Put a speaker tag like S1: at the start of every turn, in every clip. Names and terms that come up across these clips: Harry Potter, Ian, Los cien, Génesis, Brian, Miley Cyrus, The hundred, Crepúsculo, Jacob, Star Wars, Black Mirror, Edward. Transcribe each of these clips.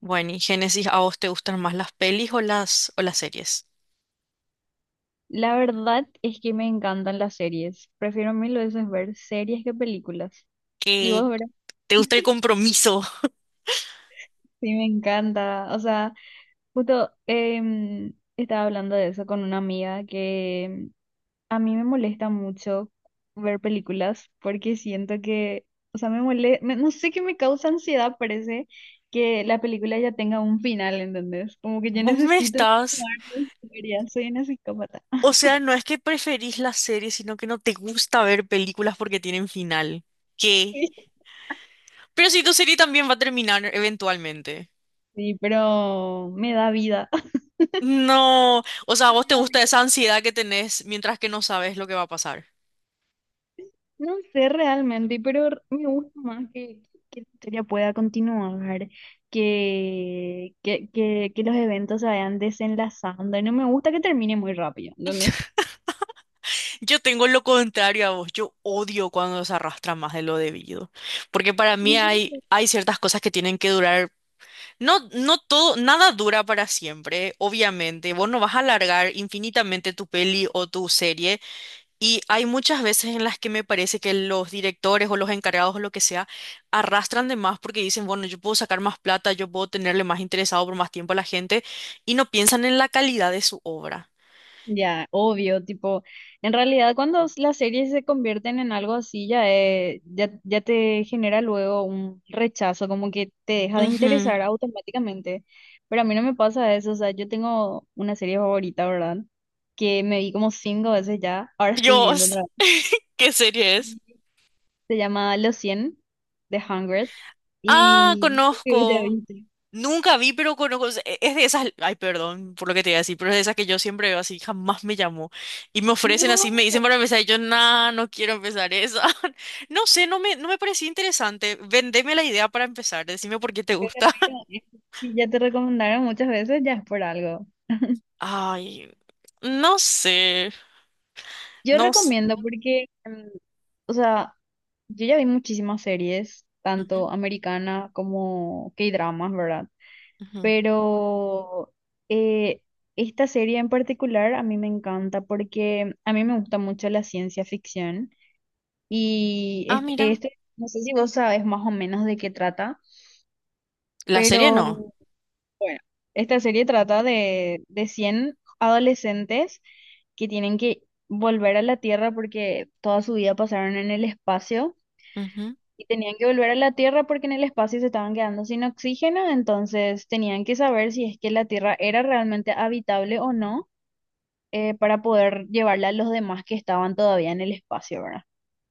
S1: Bueno, y Génesis, ¿a vos te gustan más las pelis o las series?
S2: La verdad es que me encantan las series. Prefiero mil veces ver series que películas. Y
S1: ¿Que
S2: vos, ¿verdad?
S1: ¿Te gusta el compromiso?
S2: Sí, me encanta. O sea, justo estaba hablando de eso con una amiga que a mí me molesta mucho ver películas porque siento que, o sea, me molesta, no sé qué me causa ansiedad, parece que la película ya tenga un final, ¿entendés? Como que yo
S1: Vos me
S2: necesito
S1: estás...
S2: continuar la historia, soy una psicópata.
S1: O sea, no es que preferís las series, sino que no te gusta ver películas porque tienen final. ¿Qué? Pero si tu serie también va a terminar eventualmente.
S2: Sí, pero me da vida.
S1: No, o sea, a vos te gusta esa ansiedad que tenés mientras que no sabes lo que va a pasar.
S2: No sé realmente, pero me gusta más que la historia pueda continuar, que los eventos se vayan desenlazando, y no me gusta que termine muy rápido. Entonces,
S1: Yo tengo lo contrario a vos, yo odio cuando se arrastra más de lo debido, porque para mí hay ciertas cosas que tienen que durar. No, no todo, nada dura para siempre, obviamente. Vos no vas a alargar infinitamente tu peli o tu serie. Y hay muchas veces en las que me parece que los directores o los encargados o lo que sea arrastran de más porque dicen, bueno, yo puedo sacar más plata, yo puedo tenerle más interesado por más tiempo a la gente y no piensan en la calidad de su obra.
S2: ya, obvio, tipo, en realidad cuando las series se convierten en algo así, ya, te genera luego un rechazo, como que te deja de
S1: Ujú.
S2: interesar automáticamente. Pero a mí no me pasa eso, o sea, yo tengo una serie favorita, ¿verdad? Que me vi como cinco veces ya, ahora estoy viendo
S1: Dios,
S2: otra
S1: ¿qué serie es?
S2: vez. Se llama Los cien, The hundred,
S1: Ah,
S2: y ya
S1: conozco.
S2: viste.
S1: Nunca vi, pero conozco. Es de esas. Ay, perdón por lo que te iba a decir, pero es de esas que yo siempre veo así, jamás me llamó. Y me ofrecen así,
S2: No,
S1: me dicen para empezar, y yo, nah, no quiero empezar esa. No sé, no me parecía interesante. Vendeme la idea para empezar, decime por qué te
S2: pero
S1: gusta.
S2: mira, si ya te recomendaron muchas veces, ya es por algo.
S1: Ay, no sé,
S2: Yo
S1: no sé.
S2: recomiendo porque, o sea, yo ya vi muchísimas series,
S1: Ujú,
S2: tanto americana como K-dramas, ¿verdad?
S1: ujú.
S2: Pero eh, esta serie en particular a mí me encanta porque a mí me gusta mucho la ciencia ficción y
S1: Ah,
S2: este,
S1: mira,
S2: no sé si vos sabes más o menos de qué trata,
S1: la serie no.
S2: pero bueno, esta serie trata de 100 adolescentes que tienen que volver a la Tierra porque toda su vida pasaron en el espacio
S1: Ujú.
S2: y tenían que volver a la Tierra porque en el espacio se estaban quedando sin oxígeno, entonces tenían que saber si es que la Tierra era realmente habitable o no, para poder llevarla a los demás que estaban todavía en el espacio, ¿verdad?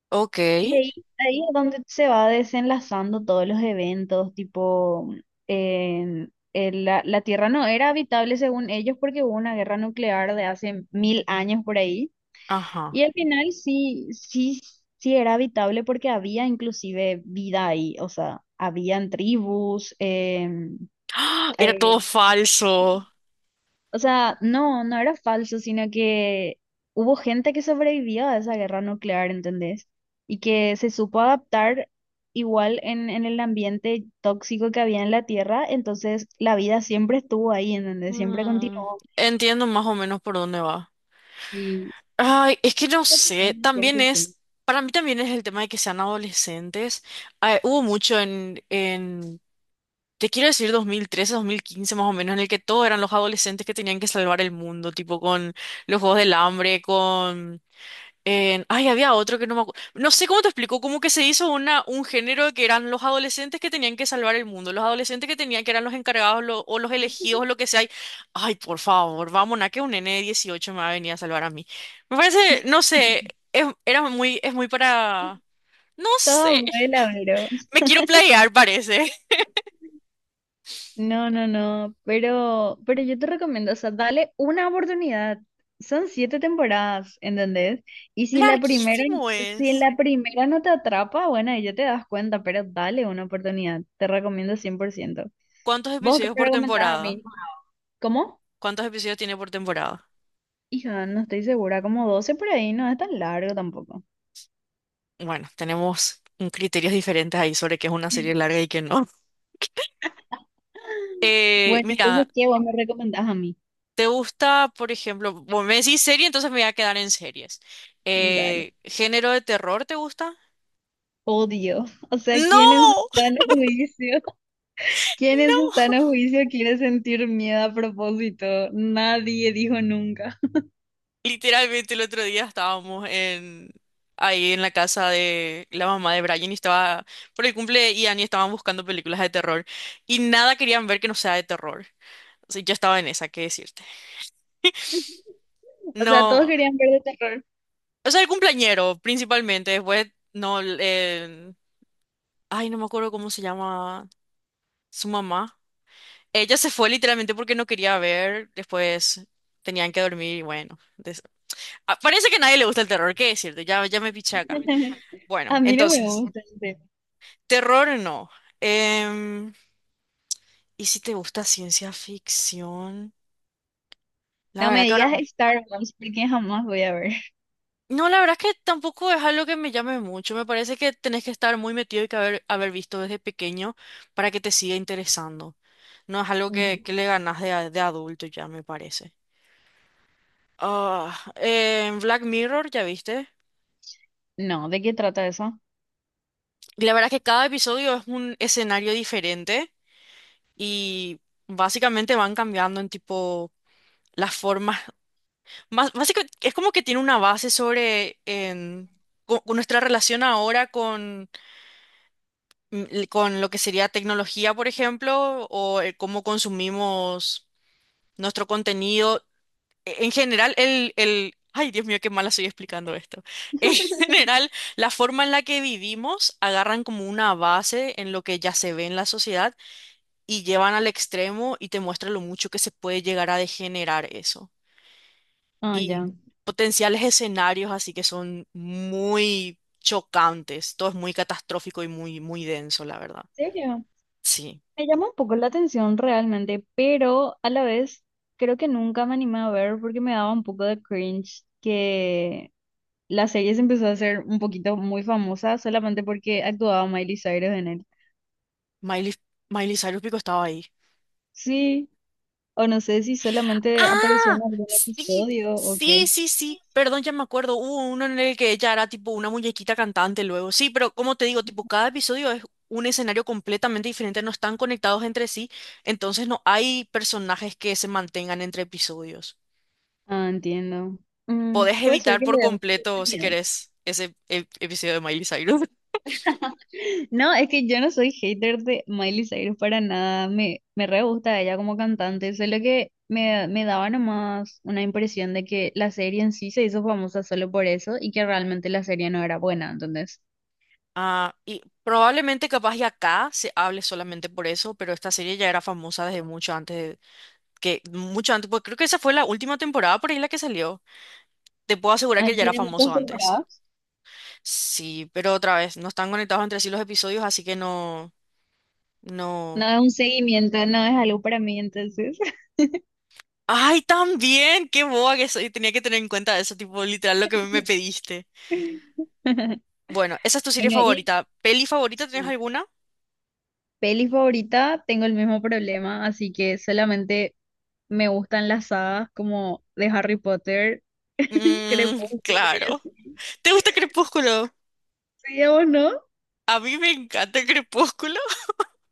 S1: Ok,
S2: Y ahí, ahí es donde se va desenlazando todos los eventos, tipo, en la Tierra no era habitable según ellos porque hubo una guerra nuclear de hace mil años por ahí.
S1: ajá.
S2: Y al final sí, era habitable porque había inclusive vida ahí, o sea, habían tribus,
S1: ¡Ah! Era todo
S2: eh,
S1: falso.
S2: o sea, no, no era falso, sino que hubo gente que sobrevivió a esa guerra nuclear, ¿entendés? Y que se supo adaptar igual en el ambiente tóxico que había en la Tierra, entonces la vida siempre estuvo ahí, ¿entendés? Siempre
S1: Mm,
S2: continuó.
S1: entiendo más o menos por dónde va.
S2: Sí,
S1: Ay, es que no
S2: es lo que
S1: sé,
S2: pienso 100%.
S1: para mí también es el tema de que sean adolescentes. Ah, hubo mucho en te quiero decir dos mil trece, 2015 más o menos, en el que todos eran los adolescentes que tenían que salvar el mundo, tipo con los Juegos del Hambre, con ay, había otro que no me acuerdo. No sé cómo te explico, como que se hizo un género que eran los adolescentes que tenían que salvar el mundo, los adolescentes que tenían que eran los encargados o los elegidos, lo que sea. Ay, por favor, vamos, a que un nene de 18 me va a venir a salvar a mí. Me parece, no sé, es muy para... No
S2: Toda
S1: sé,
S2: abuela, bro.
S1: me quiero playar, parece.
S2: No, no, no, pero yo te recomiendo, o sea, dale una oportunidad. Son siete temporadas, ¿entendés? Y
S1: Larguísimo
S2: si
S1: es.
S2: la primera no te atrapa, bueno, ahí ya te das cuenta, pero dale una oportunidad. Te recomiendo 100%.
S1: ¿Cuántos
S2: ¿Vos qué
S1: episodios
S2: me
S1: por
S2: recomendás a
S1: temporada?
S2: mí? ¿Cómo?
S1: ¿Cuántos episodios tiene por temporada?
S2: Hija, no estoy segura, como 12 por ahí, no es tan largo tampoco.
S1: Bueno, tenemos criterios diferentes ahí sobre qué es una serie larga y qué no.
S2: Bueno,
S1: Mira,
S2: entonces, ¿qué vos me recomendás a mí?
S1: ¿te gusta, por ejemplo, vos me decís serie, entonces me voy a quedar en series.
S2: Dale.
S1: ¿Género de terror te gusta?
S2: Odio. O sea, ¿quién en su
S1: ¡No!
S2: sano juicio? ¿Quiénes están a juicio quiere sentir miedo a propósito? Nadie dijo nunca.
S1: Literalmente el otro día estábamos en ahí en la casa de la mamá de Brian y estaba por el cumple de Ian y estaban buscando películas de terror y nada querían ver que no sea de terror. O sea, yo estaba en esa, ¿qué decirte?
S2: O sea, todos
S1: No,
S2: querían ver de terror.
S1: o sea, el cumpleañero principalmente, después no el- ay, no me acuerdo cómo se llama su mamá. Ella se fue literalmente porque no quería ver, después tenían que dormir y bueno. Ah, parece que a nadie le gusta el terror, ¿qué decirte? Ya, ya me piché acá. Bueno,
S2: A mí no me
S1: entonces,
S2: gusta ese.
S1: terror no. Em, ¿y si te gusta ciencia ficción? La
S2: No
S1: verdad
S2: me
S1: que ahora...
S2: digas Star Wars porque jamás voy a ver.
S1: No, la verdad es que tampoco es algo que me llame mucho. Me parece que tenés que estar muy metido y que haber visto desde pequeño para que te siga interesando. No es algo
S2: Ujú.
S1: que le ganas de adulto ya, me parece. Ah, em, Black Mirror, ¿ya viste?
S2: No, ¿de qué trata eso?
S1: Y la verdad que cada episodio es un escenario diferente y básicamente van cambiando en tipo las formas. Más, básicamente es como que tiene una base sobre con nuestra relación ahora con lo que sería tecnología, por ejemplo, o cómo consumimos nuestro contenido. En general, el... Ay, Dios mío, qué mala estoy explicando esto. En general, la forma en la que vivimos agarran como una base en lo que ya se ve en la sociedad y llevan al extremo y te muestra lo mucho que se puede llegar a degenerar eso.
S2: Ah, ya.
S1: Y
S2: ¿En
S1: potenciales escenarios así que son muy chocantes, todo es muy catastrófico y muy denso, la verdad.
S2: serio?
S1: Sí,
S2: Me llama un poco la atención realmente, pero a la vez creo que nunca me animé a ver porque me daba un poco de cringe que la serie se empezó a hacer un poquito muy famosa solamente porque actuaba Miley Cyrus en él.
S1: Miley, Miley Cyrus Pico estaba ahí.
S2: Sí, o no sé si solamente apareció en
S1: ¡Ah!
S2: algún
S1: Sí,
S2: episodio o
S1: sí,
S2: qué.
S1: sí, sí. Perdón, ya me acuerdo. Hubo uno en el que ella era tipo una muñequita cantante luego. Sí, pero como te digo, tipo, cada episodio es un escenario completamente diferente, no están conectados entre sí, entonces no hay personajes que se mantengan entre episodios.
S2: Ah, entiendo. Mm,
S1: Podés
S2: puede ser
S1: evitar
S2: que le
S1: por
S2: dé una
S1: completo, si
S2: oportunidad.
S1: querés, ese episodio de Miley Cyrus.
S2: No, es que yo no soy hater de Miley Cyrus para nada. Me re gusta ella como cantante. Solo que me daba nomás una impresión de que la serie en sí se hizo famosa solo por eso y que realmente la serie no era buena. Entonces,
S1: Ah, y probablemente capaz y acá se hable solamente por eso, pero esta serie ya era famosa desde mucho antes de- que mucho antes, pues creo que esa fue la última temporada por ahí la que salió. Te puedo asegurar
S2: ah,
S1: que ya era
S2: tiene
S1: famoso
S2: muchas
S1: antes.
S2: temporadas.
S1: Sí, pero otra vez, no están conectados entre sí los episodios, así que no, no.
S2: No es un seguimiento, no es algo para mí. Entonces,
S1: ¡Ay, también! ¡Qué boba que soy! Tenía que tener en cuenta eso, tipo, literal, lo que me pediste.
S2: bueno,
S1: Bueno, esa es tu serie
S2: y.
S1: favorita. ¿Peli favorita tienes alguna?
S2: Peli favorita, tengo el mismo problema, así que solamente me gustan las sagas como de Harry Potter,
S1: Mmm,
S2: Crepúsculo y
S1: claro.
S2: así.
S1: ¿Te gusta Crepúsculo?
S2: Sí, ¿a vos no?
S1: A mí me encanta Crepúsculo.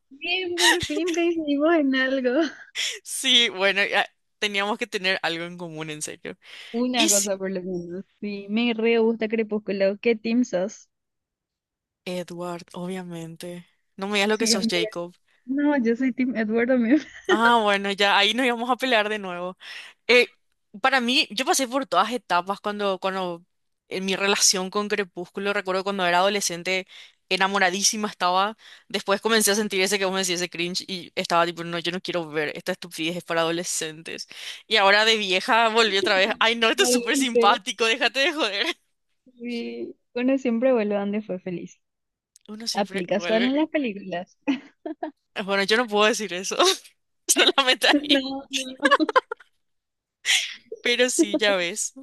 S2: Bien, por fin coincidimos en algo.
S1: Sí, bueno, ya teníamos que tener algo en común, en serio.
S2: Una
S1: Y sí,
S2: cosa por lo menos. Sí, me re gusta Crepúsculo. ¿Qué team sos?
S1: Edward, obviamente. No me digas lo que sos,
S2: Siempre.
S1: Jacob.
S2: No, yo soy team Edward también.
S1: Ah, bueno, ya ahí nos íbamos a pelear de nuevo. Eh, para mí, yo pasé por todas etapas cuando en mi relación con Crepúsculo, recuerdo cuando era adolescente, enamoradísima estaba. Después comencé a sentir
S2: Sí.
S1: ese que vos me decís, ese cringe, y estaba tipo, no, yo no quiero ver esta estupidez es para adolescentes. Y ahora de vieja volví otra vez, ay no, esto es súper
S2: Volviste.
S1: simpático, déjate de joder.
S2: Sí. Bueno, siempre vuelve donde fue feliz.
S1: Uno siempre
S2: Aplica solo en
S1: vuelve.
S2: las películas.
S1: Bueno, yo no puedo decir eso. Solamente ahí.
S2: No, no.
S1: Pero sí, ya ves.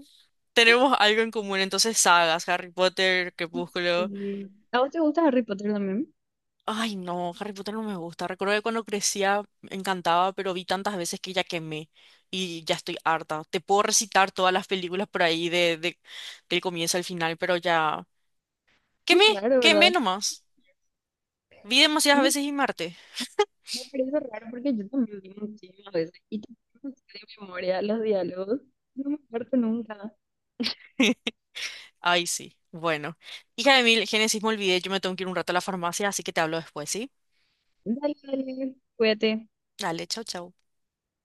S1: Tenemos algo en común, entonces sagas, Harry Potter, Crepúsculo.
S2: Sí. ¿A vos te gusta Harry Potter también?
S1: Ay, no, Harry Potter no me gusta. Recuerdo que cuando crecía me encantaba, pero vi tantas veces que ya quemé y ya estoy harta. Te puedo recitar todas las películas por ahí del comienzo al final, pero ya
S2: Es
S1: quemé,
S2: raro,
S1: quemé
S2: ¿verdad?
S1: nomás. Vi demasiadas
S2: Me,
S1: veces y Marte.
S2: me parece raro porque yo también vi muchísimas veces y tampoco sé de memoria los diálogos. No me acuerdo nunca.
S1: Ay, sí. Bueno, hija de mil, Génesis, me olvidé, yo me tengo que ir un rato a la farmacia, así que te hablo después, ¿sí?
S2: Dale, dale, cuídate.
S1: Dale, chau, chau.